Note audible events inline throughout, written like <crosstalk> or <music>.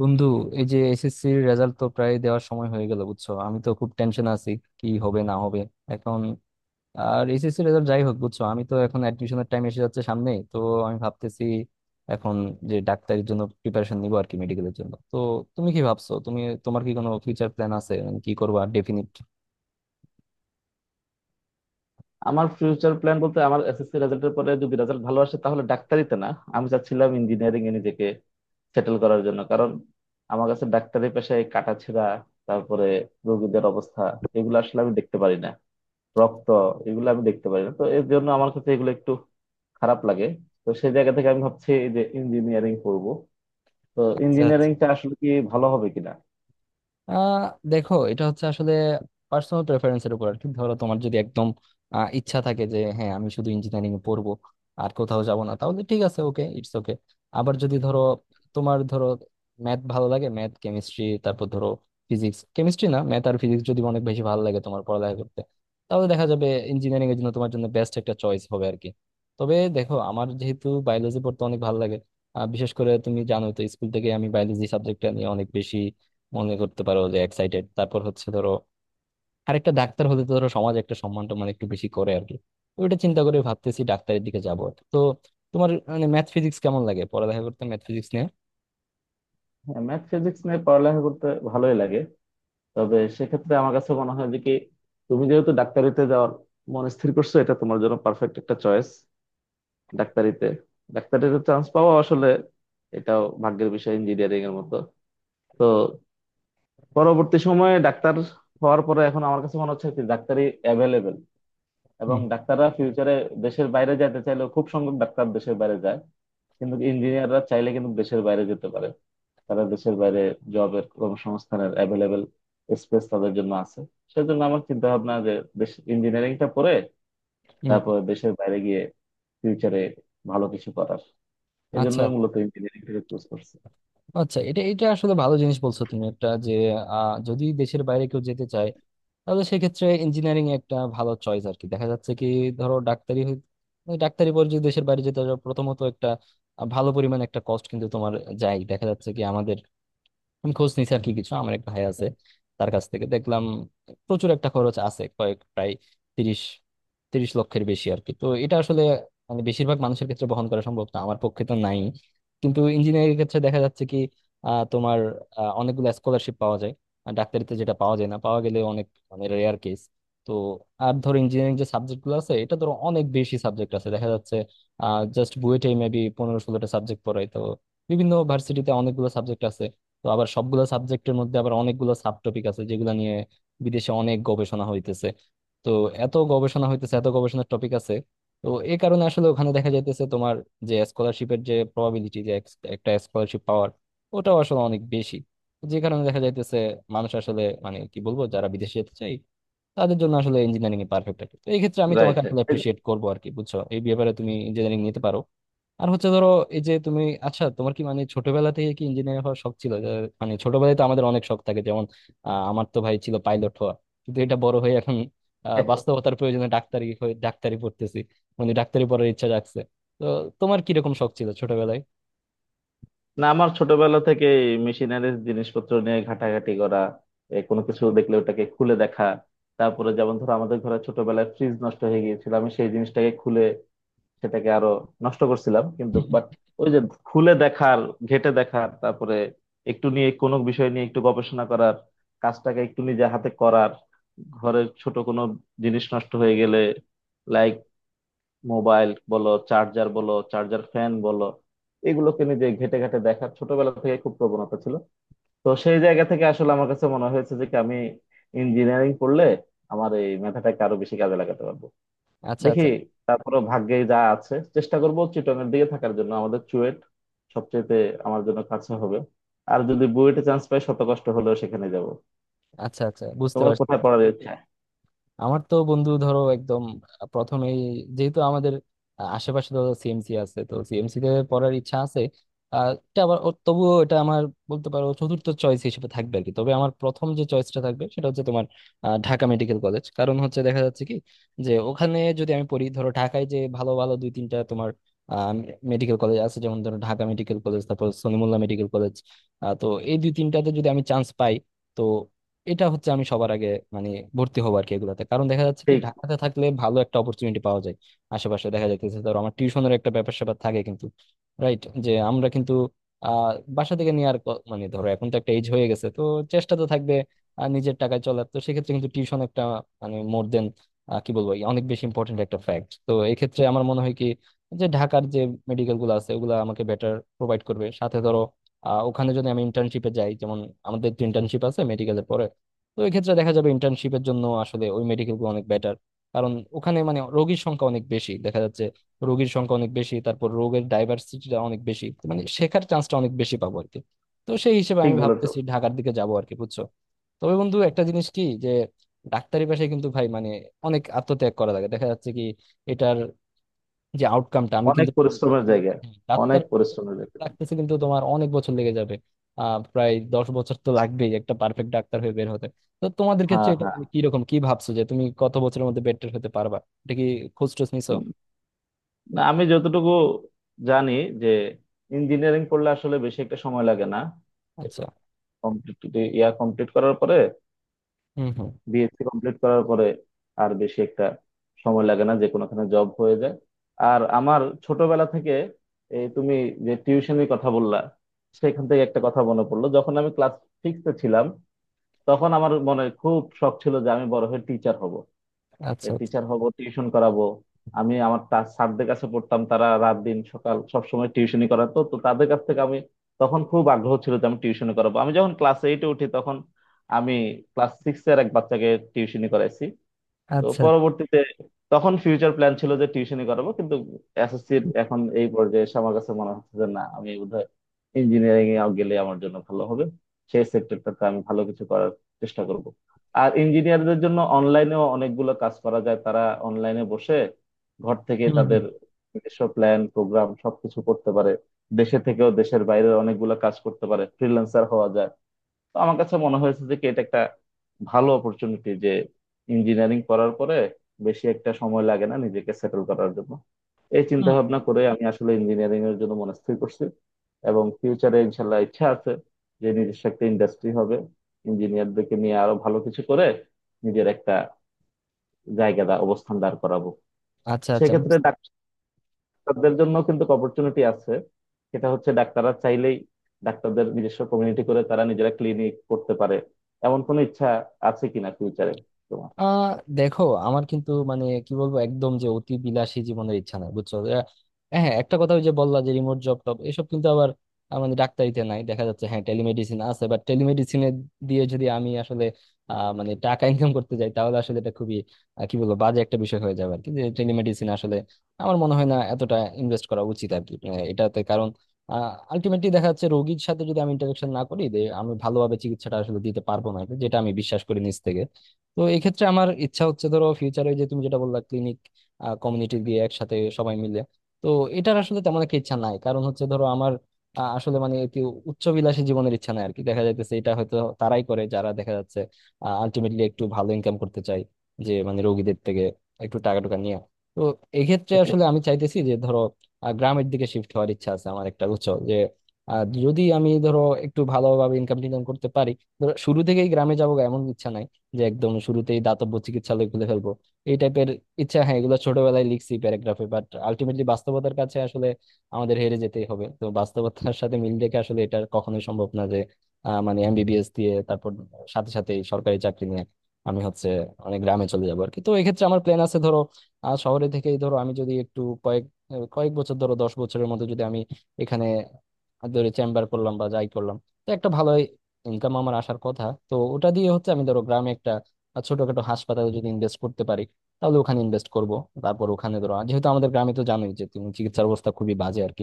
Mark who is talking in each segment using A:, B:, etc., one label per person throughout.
A: বন্ধু, এই যে এসএসসি এর রেজাল্ট তো প্রায় দেওয়ার সময় হয়ে গেল, বুঝছো? আমি তো খুব টেনশন আছি কি হবে না হবে এখন। আর এসএসসি রেজাল্ট যাই হোক বুঝছো, আমি তো এখন অ্যাডমিশনের টাইম এসে যাচ্ছে সামনে তো। আমি ভাবতেছি এখন যে ডাক্তারির জন্য প্রিপারেশন নিবো আর কি, মেডিকেলের জন্য তো। তুমি কি ভাবছো? তুমি তোমার কি কোনো ফিউচার প্ল্যান আছে? মানে কি করবা ডেফিনিট?
B: আমার ফিউচার প্ল্যান বলতে আমার এসএসসি রেজাল্টের পরে যদি রেজাল্ট ভালো আসে তাহলে ডাক্তারিতে না, আমি চাচ্ছিলাম ইঞ্জিনিয়ারিং এ নিজেকে সেটেল করার জন্য। কারণ আমার কাছে ডাক্তারি পেশায় কাটাছেঁড়া, তারপরে রোগীদের অবস্থা, এগুলো আসলে আমি দেখতে পারি না। রক্ত, এগুলো আমি দেখতে পারি না, তো এর জন্য আমার কাছে এগুলো একটু খারাপ লাগে। তো সেই জায়গা থেকে আমি ভাবছি এই যে ইঞ্জিনিয়ারিং পড়বো, তো
A: আচ্ছা।
B: ইঞ্জিনিয়ারিংটা আসলে কি ভালো হবে কিনা।
A: আহ দেখো, এটা হচ্ছে আসলে পার্সোনাল প্রেফারেন্সের উপর আর কি। ধরো তোমার যদি একদম ইচ্ছা থাকে যে হ্যাঁ আমি শুধু ইঞ্জিনিয়ারিং পড়বো, আর কোথাও যাব না, তাহলে ঠিক আছে, ওকে, ইটস ওকে। আবার যদি ধরো তোমার ধরো ম্যাথ ভালো লাগে, ম্যাথ কেমিস্ট্রি, তারপর ধরো ফিজিক্স কেমিস্ট্রি, না ম্যাথ আর ফিজিক্স যদি অনেক বেশি ভালো লাগে তোমার পড়ালেখা করতে, তাহলে দেখা যাবে ইঞ্জিনিয়ারিং এর জন্য তোমার জন্য বেস্ট একটা চয়েস হবে আর কি। তবে দেখো, আমার যেহেতু বায়োলজি পড়তে অনেক ভালো লাগে, বিশেষ করে তুমি জানোই তো স্কুল থেকে আমি বায়োলজি সাবজেক্টটা নিয়ে অনেক বেশি, মনে করতে পারো যে, এক্সাইটেড। তারপর হচ্ছে ধরো আরেকটা, ডাক্তার হতে তো ধরো সমাজ একটা সম্মান টম্মান একটু বেশি করে আর কি। ওইটা চিন্তা করে ভাবতেছি ডাক্তারের দিকে যাবো। তো তোমার মানে ম্যাথ ফিজিক্স কেমন লাগে পড়ালেখা করতে, ম্যাথ ফিজিক্স নিয়ে?
B: ম্যাথ ফিজিক্স নিয়ে পড়ালেখা করতে ভালোই লাগে, তবে সেক্ষেত্রে আমার কাছে মনে হয় যে কি তুমি যেহেতু ডাক্তারিতে যাওয়ার মন স্থির করছো, এটা তোমার জন্য পারফেক্ট একটা চয়েস। ডাক্তারিতে ডাক্তারিতে চান্স পাওয়া আসলে এটাও ভাগ্যের বিষয়, ইঞ্জিনিয়ারিং এর মতো। তো পরবর্তী সময়ে ডাক্তার হওয়ার পরে এখন আমার কাছে মনে হচ্ছে কি ডাক্তারি অ্যাভেলেবেল, এবং
A: হুম
B: ডাক্তাররা ফিউচারে দেশের বাইরে যেতে চাইলেও খুব সংখ্যক ডাক্তার দেশের বাইরে যায়, কিন্তু ইঞ্জিনিয়াররা চাইলে কিন্তু দেশের বাইরে যেতে পারে। তারা দেশের বাইরে জবের কর্মসংস্থানের অ্যাভেলেবেল স্পেস তাদের জন্য আছে। সেজন্য আমার চিন্তা ভাবনা যে দেশ ইঞ্জিনিয়ারিংটা পড়ে
A: হুম।
B: তারপর দেশের বাইরে গিয়ে ফিউচারে ভালো কিছু করার, এই
A: আচ্ছা
B: জন্যই মূলত ইঞ্জিনিয়ারিংটাকে চুজ করছি।
A: আচ্ছা, এটা এটা আসলে ভালো জিনিস বলছো তুমি একটা, যে যদি দেশের বাইরে কেউ যেতে চায় তাহলে সেক্ষেত্রে ইঞ্জিনিয়ারিং একটা ভালো চয়েস আর কি। দেখা যাচ্ছে কি ধরো ওই ডাক্তারি পর যদি দেশের বাইরে যেতে চাও, প্রথমত একটা ভালো পরিমাণ একটা কস্ট কিন্তু তোমার যায়। দেখা যাচ্ছে কি আমাদের, আমি খোঁজ নিছি আর কি কিছু, আমার একটা ভাই আছে, তার কাছ থেকে দেখলাম প্রচুর একটা খরচ আছে, কয়েক প্রায় তিরিশ তিরিশ লক্ষের বেশি আর কি। তো এটা আসলে মানে বেশিরভাগ মানুষের ক্ষেত্রে বহন করা সম্ভব না, আমার পক্ষে তো নাই। কিন্তু ইঞ্জিনিয়ারিং এর ক্ষেত্রে দেখা যাচ্ছে কি তোমার অনেকগুলো স্কলারশিপ পাওয়া যায়। আর ডাক্তারিতে যেটা পাওয়া যায় না, পাওয়া গেলে অনেক মানে রেয়ার কেস। তো আর ধরো ইঞ্জিনিয়ারিং যে সাবজেক্ট গুলো আছে, এটা ধরো অনেক বেশি সাবজেক্ট আছে দেখা যাচ্ছে। জাস্ট বুয়েটে মেবি 15-16টা সাবজেক্ট পড়ায় তো, বিভিন্ন ভার্সিটিতে অনেকগুলো সাবজেক্ট আছে। তো আবার সবগুলো সাবজেক্টের মধ্যে আবার অনেকগুলো সাব টপিক আছে যেগুলো নিয়ে বিদেশে অনেক গবেষণা হইতেছে। তো এত গবেষণা হইতেছে, এত গবেষণার টপিক আছে, তো এই কারণে আসলে ওখানে দেখা যাইতেছে তোমার যে স্কলারশিপের যে প্রবাবিলিটি, যে একটা স্কলারশিপ পাওয়ার, ওটাও আসলে অনেক বেশি। যে কারণে দেখা যাইতেছে মানুষ আসলে, মানে কি বলবো, যারা বিদেশে যেতে চায় তাদের জন্য আসলে ইঞ্জিনিয়ারিং এ পারফেক্ট আর কি। তো এই ক্ষেত্রে আমি তোমাকে
B: রাইট।
A: আসলে অ্যাপ্রিসিয়েট করবো আর কি, বুঝছো? এই ব্যাপারে তুমি ইঞ্জিনিয়ারিং নিতে পারো। আর হচ্ছে ধরো এই যে তুমি, আচ্ছা তোমার কি মানে ছোটবেলা থেকে কি ইঞ্জিনিয়ার হওয়ার শখ ছিল যে, মানে ছোটবেলায় তো আমাদের অনেক শখ থাকে যেমন আমার তো ভাই ছিল পাইলট হওয়া, কিন্তু এটা বড় হয়ে এখন
B: <laughs>
A: বাস্তবতার প্রয়োজনে ডাক্তারি হয়ে ডাক্তারি পড়তেছি, মানে ডাক্তারি পড়ার ইচ্ছা জাগছে। তো তোমার কিরকম শখ ছিল ছোটবেলায়?
B: না, আমার ছোটবেলা থেকে মেশিনারিজ জিনিসপত্র নিয়ে ঘাটাঘাটি করা, কোনো কিছু দেখলে ওটাকে খুলে দেখা। তারপরে যেমন ধরো আমাদের ঘরে ছোটবেলায় ফ্রিজ নষ্ট হয়ে গিয়েছিল, আমি সেই জিনিসটাকে খুলে সেটাকে আরো নষ্ট করছিলাম, কিন্তু বাট
A: <laughs>
B: ওই যে খুলে দেখার, ঘেঁটে দেখার, তারপরে একটু নিয়ে কোনো বিষয় নিয়ে একটু গবেষণা করার, কাজটাকে একটু নিজে হাতে করার, ঘরের ছোট কোনো জিনিস নষ্ট হয়ে গেলে লাইক মোবাইল বলো, চার্জার বলো, চার্জার ফ্যান বলো, এগুলোকে নিজে ঘেঁটে ঘেঁটে দেখার ছোটবেলা থেকে খুব প্রবণতা ছিল। তো সেই জায়গা থেকে আসলে আমার কাছে মনে হয়েছে যে কি আমি ইঞ্জিনিয়ারিং পড়লে আমার এই মেধাটাকে আরো বেশি কাজে লাগাতে পারবো।
A: আচ্ছা
B: দেখি,
A: আচ্ছা।
B: তারপরে ভাগ্যে যা আছে চেষ্টা করব। চিটগাং দিকে থাকার জন্য আমাদের চুয়েট সবচেয়ে আমার জন্য কাছে হবে, আর যদি বুয়েটে চান্স পাই শত কষ্ট হলেও সেখানে যাব।
A: আচ্ছা আচ্ছা, বুঝতে
B: তোমার
A: পারছি।
B: কোথায় পড়ার ইচ্ছা?
A: আমার তো বন্ধু ধরো একদম প্রথমেই, যেহেতু আমাদের আশেপাশে তো সিএমসি আছে, তো সিএমসি তে পড়ার ইচ্ছা আছে। এটা আবার তবুও এটা আমার, বলতে পারো চতুর্থ চয়েস হিসেবে থাকবে আর কি। তবে আমার প্রথম যে চয়েসটা থাকবে সেটা হচ্ছে তোমার ঢাকা মেডিকেল কলেজ। কারণ হচ্ছে দেখা যাচ্ছে কি যে ওখানে যদি আমি পড়ি, ধরো ঢাকায় যে ভালো ভালো 2-3টা তোমার মেডিকেল কলেজ আছে, যেমন ধরো ঢাকা মেডিকেল কলেজ, তারপর সলিমুল্লাহ মেডিকেল কলেজ, তো এই 2-3টাতে যদি আমি চান্স পাই, তো এটা হচ্ছে আমি সবার আগে, মানে, ভর্তি হবো আর কি এগুলাতে। কারণ দেখা যাচ্ছে কি
B: ঠিক,
A: ঢাকাতে থাকলে ভালো একটা অপরচুনিটি পাওয়া যায় আশেপাশে। দেখা যাইতেছে ধরো আমার টিউশনের একটা ব্যাপার স্যাপার থাকে কিন্তু, রাইট? যে আমরা কিন্তু আহ বাসা থেকে নিয়ে আর মানে ধরো এখন তো একটা এজ হয়ে গেছে, তো চেষ্টা তো থাকবে আর নিজের টাকায় চলার, তো সেক্ষেত্রে কিন্তু টিউশন একটা মানে মোর দেন, কি বলবো, অনেক বেশি ইম্পর্টেন্ট একটা ফ্যাক্ট। তো এক্ষেত্রে আমার মনে হয় কি যে ঢাকার যে মেডিকেল গুলো আছে, ওগুলো আমাকে বেটার প্রোভাইড করবে। সাথে ধরো ওখানে যদি আমি ইন্টার্নশিপে যাই, যেমন আমাদের তো ইন্টার্নশিপ আছে মেডিকেলের পরে, তো এক্ষেত্রে দেখা যাবে ইন্টার্নশিপের জন্য আসলে ওই মেডিকেল গুলো অনেক বেটার। কারণ ওখানে মানে রোগীর সংখ্যা অনেক বেশি দেখা যাচ্ছে, রোগীর সংখ্যা অনেক বেশি, তারপর রোগের ডাইভার্সিটিটা অনেক বেশি, তো মানে শেখার চান্সটা অনেক বেশি পাবো আর কি। তো সেই হিসেবে
B: ঠিক
A: আমি
B: বলেছো।
A: ভাবতেছি ঢাকার দিকে যাবো আর কি, বুঝছো? তবে বন্ধু একটা জিনিস কি, যে ডাক্তারি পেশায় কিন্তু ভাই মানে অনেক আত্মত্যাগ করা লাগে। দেখা যাচ্ছে কি এটার যে আউটকামটা আমি
B: অনেক
A: কিন্তু
B: পরিশ্রমের জায়গা।
A: ডাক্তার
B: অনেক পরিশ্রমের জায়গা।
A: লাগতেছে, কিন্তু তোমার অনেক বছর লেগে যাবে। প্রায় 10 বছর তো লাগবেই একটা পারফেক্ট ডাক্তার হয়ে বের হতে। তো তোমাদের ক্ষেত্রে
B: হ্যাঁ,
A: এটা
B: হ্যাঁ।
A: কি রকম, কি ভাবছো যে তুমি কত বছরের মধ্যে বেটার হতে পারবা? এটা কি খোঁজ টোজ নিছো?
B: উম, না, আমি যতটুকু জানি যে ইঞ্জিনিয়ারিং পড়লে আসলে বেশি একটা সময় লাগে না।
A: আচ্ছা।
B: কমপ্লিট, ইয়া কমপ্লিট করার পরে,
A: হুম হুম।
B: বিএসসি কমপ্লিট করার পরে আর বেশি একটা সময় লাগে না, যে কোনোখানে জব হয়ে যায়। আর আমার ছোটবেলা থেকে এই তুমি যে টিউশনের কথা বললা, সেখান থেকে একটা কথা মনে পড়লো, যখন আমি ক্লাস সিক্সে ছিলাম তখন আমার মনে খুব শখ ছিল যে আমি বড় হয়ে টিচার হব।
A: আচ্ছা আচ্ছা
B: টিচার হব, টিউশন করাবো। আমি আমার স্যারদের কাছে পড়তাম, তারা রাত দিন সকাল সব সময় টিউশনি করাতো, তো তাদের কাছ থেকে আমি তখন খুব আগ্রহ ছিল যে আমি টিউশনি করাবো। আমি যখন ক্লাস এইটে উঠি তখন আমি ক্লাস সিক্স এর এক বাচ্চাকে টিউশনি করাইছি। তো
A: আচ্ছা।
B: পরবর্তীতে তখন ফিউচার প্ল্যান ছিল যে টিউশনই করাবো, কিন্তু এসএসসির এখন এই পর্যায়ে এসে আমার কাছে মনে হচ্ছে যে না, আমি বোধহয় ইঞ্জিনিয়ারিং এ গেলে আমার জন্য ভালো হবে, সেই সেক্টরটাতে আমি ভালো কিছু করার চেষ্টা করব। আর ইঞ্জিনিয়ারদের জন্য অনলাইনেও অনেকগুলো কাজ করা যায়, তারা অনলাইনে বসে ঘর থেকে
A: হুম হুম।
B: তাদের নিজস্ব প্ল্যান প্রোগ্রাম সবকিছু করতে পারে, দেশে থেকেও দেশের বাইরে অনেকগুলো কাজ করতে পারে, ফ্রিল্যান্সার হওয়া যায়। তো আমার কাছে মনে হয়েছে যে কি এটা একটা ভালো অপরচুনিটি যে ইঞ্জিনিয়ারিং করার পরে বেশি একটা সময় লাগে না নিজেকে সেটেল করার জন্য। এই চিন্তা
A: হুম।
B: ভাবনা করে আমি আসলে ইঞ্জিনিয়ারিং এর জন্য মনস্থির করছি। এবং ফিউচারে ইনশাল্লাহ ইচ্ছা আছে যে নিজস্ব একটা ইন্ডাস্ট্রি হবে, ইঞ্জিনিয়ারদেরকে নিয়ে আরো ভালো কিছু করে নিজের একটা জায়গা দা অবস্থান দাঁড় করাবো।
A: আচ্ছা আচ্ছা।
B: সেক্ষেত্রে ডাক্তারদের জন্য কিন্তু অপরচুনিটি আছে, সেটা হচ্ছে ডাক্তাররা চাইলেই ডাক্তারদের নিজস্ব কমিউনিটি করে তারা নিজেরা ক্লিনিক করতে পারে, এমন কোনো ইচ্ছা আছে কিনা ফিউচারে তোমার?
A: আহ দেখো আমার কিন্তু মানে কি বলবো একদম যে অতি বিলাসী জীবনের ইচ্ছা নাই, বুঝছো? হ্যাঁ একটা কথা, ওই যে বললা যে রিমোট জব টব এসব, কিন্তু আবার মানে ডাক্তারিতে নাই দেখা যাচ্ছে, হ্যাঁ টেলিমেডিসিন আছে, বাট টেলিমেডিসিনে দিয়ে যদি আমি আসলে মানে টাকা ইনকাম করতে যাই, তাহলে আসলে এটা খুবই কি বলবো, বাজে একটা বিষয় হয়ে যাবে আর কি। যে টেলিমেডিসিন আসলে আমার মনে হয় না এতটা ইনভেস্ট করা উচিত আর কি এটাতে। কারণ আলটিমেটলি দেখা যাচ্ছে রোগীর সাথে যদি আমি ইন্টারাকশন না করি, যে আমি ভালোভাবে চিকিৎসাটা আসলে দিতে পারবো না, এটা যেটা আমি বিশ্বাস করি নিজ থেকে। তো এক্ষেত্রে আমার ইচ্ছা হচ্ছে ধরো ফিউচারে যে তুমি যেটা বললা ক্লিনিক কমিউনিটি দিয়ে একসাথে সবাই মিলে, তো এটার আসলে তেমন একটা ইচ্ছা নাই। কারণ হচ্ছে ধরো আমার আসলে মানে একটি উচ্চবিলাসী জীবনের ইচ্ছা নাই আর কি। দেখা যাইতেছে এটা হয়তো তারাই করে যারা দেখা যাচ্ছে আলটিমেটলি একটু ভালো ইনকাম করতে চাই, যে মানে রোগীদের থেকে একটু টাকা টুকা নিয়ে। তো এক্ষেত্রে আসলে আমি চাইতেছি যে ধরো গ্রামের দিকে শিফট হওয়ার ইচ্ছা আছে আমার একটা, উচ্চ যে যদি আমি ধরো একটু ভালোভাবে ইনকাম টিনকাম করতে পারি, ধরো শুরু থেকেই গ্রামে যাবো এমন ইচ্ছা নাই, যে একদম শুরুতেই দাতব্য চিকিৎসালয় খুলে ফেলবো এই টাইপের ইচ্ছা। হ্যাঁ এগুলো ছোটবেলায় লিখছি প্যারাগ্রাফে, বাট আলটিমেটলি বাস্তবতার কাছে আসলে আমাদের হেরে যেতেই হবে। তো বাস্তবতার সাথে মিল রেখে আসলে এটা কখনোই সম্ভব না যে মানে এমবিবিএস দিয়ে তারপর সাথে সাথে সরকারি চাকরি নিয়ে আমি হচ্ছে অনেক গ্রামে চলে যাবো আর কি। তো এক্ষেত্রে আমার প্ল্যান আছে ধরো শহরে থেকেই ধরো আমি যদি একটু কয়েক কয়েক বছর ধরো 10 বছরের মধ্যে যদি আমি এখানে ধরে চেম্বার করলাম বা যাই করলাম, তো একটা ভালো ইনকাম আমার আসার কথা। তো ওটা দিয়ে হচ্ছে আমি ধরো গ্রামে একটা ছোটখাটো হাসপাতালে যদি ইনভেস্ট করতে পারি, তাহলে ওখানে ইনভেস্ট করব। তারপর ওখানে ধরো যেহেতু আমাদের গ্রামে তো জানোই যে তুমি চিকিৎসার অবস্থা খুবই বাজে আর কি,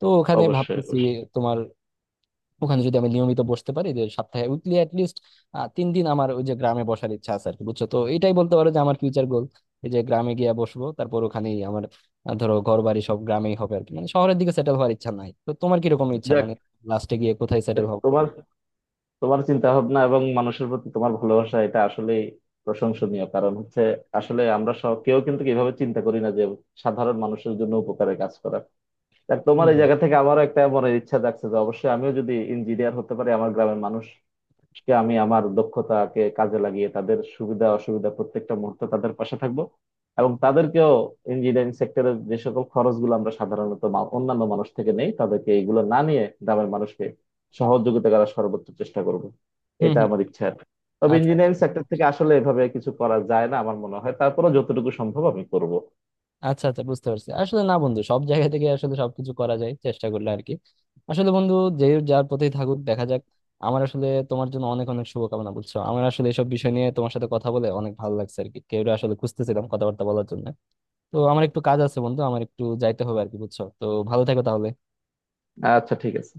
A: তো ওখানে
B: অবশ্যই,
A: ভাবতেছি
B: অবশ্যই।
A: তোমার, ওখানে যদি আমি নিয়মিত বসতে পারি, যে সপ্তাহে উইকলি অ্যাটলিস্ট 3 দিন আমার ওই যে গ্রামে বসার ইচ্ছা আছে আর কি, বুঝছো? তো এটাই বলতে পারো যে আমার ফিউচার গোল, এই যে গ্রামে গিয়ে বসবো। তারপর ওখানেই আমার ধরো ঘর বাড়ি সব গ্রামেই হবে আর কি, মানে শহরের দিকে সেটেল হওয়ার ইচ্ছা নাই। তো তোমার কিরকম ইচ্ছা,
B: যাক,
A: মানে লাস্টে গিয়ে কোথায় সেটেল হবে?
B: তোমার তোমার চিন্তা ভাবনা এবং মানুষের প্রতি তোমার ভালোবাসা এটা আসলেই প্রশংসনীয়। কারণ হচ্ছে আসলে আমরা সব কেউ কিন্তু এভাবে চিন্তা করি না যে সাধারণ মানুষের জন্য উপকারে কাজ করা। দেখ তোমার
A: হম
B: এই জায়গা থেকে আমারও একটা মনের ইচ্ছা জাগছে যে অবশ্যই আমিও যদি ইঞ্জিনিয়ার হতে পারি আমার গ্রামের মানুষকে আমি আমার দক্ষতাকে কাজে লাগিয়ে তাদের সুবিধা অসুবিধা প্রত্যেকটা মুহূর্তে তাদের পাশে থাকবো। এবং তাদেরকেও ইঞ্জিনিয়ারিং সেক্টরের যে সকল খরচগুলো আমরা সাধারণত অন্যান্য মানুষ থেকে নেই তাদেরকে এইগুলো না নিয়ে গ্রামের মানুষকে সহযোগিতা করার সর্বোচ্চ চেষ্টা করব। এটা
A: হম।
B: আমার ইচ্ছা আর কি। তবে
A: আচ্ছা আচ্ছা।
B: ইঞ্জিনিয়ারিং সেক্টর থেকে আসলে এভাবে কিছু করা যায় না আমার মনে হয়, তারপরেও যতটুকু সম্ভব আমি করব।
A: আচ্ছা আচ্ছা, বুঝতে পারছি। আসলে না বন্ধু, সব জায়গা থেকে আসলে সবকিছু করা যায় চেষ্টা করলে আর কি। আসলে বন্ধু, যে যার পথেই থাকুক, দেখা যাক। আমার আসলে তোমার জন্য অনেক অনেক শুভকামনা। বলছো আমার আসলে এসব বিষয় নিয়ে তোমার সাথে কথা বলে অনেক ভালো লাগছে আর কি, কেউ আসলে খুঁজতেছিলাম কথাবার্তা বলার জন্য। তো আমার একটু কাজ আছে বন্ধু, আমার একটু যাইতে হবে আর কি, বুঝছো? তো ভালো থেকো তাহলে।
B: আচ্ছা, ঠিক আছে।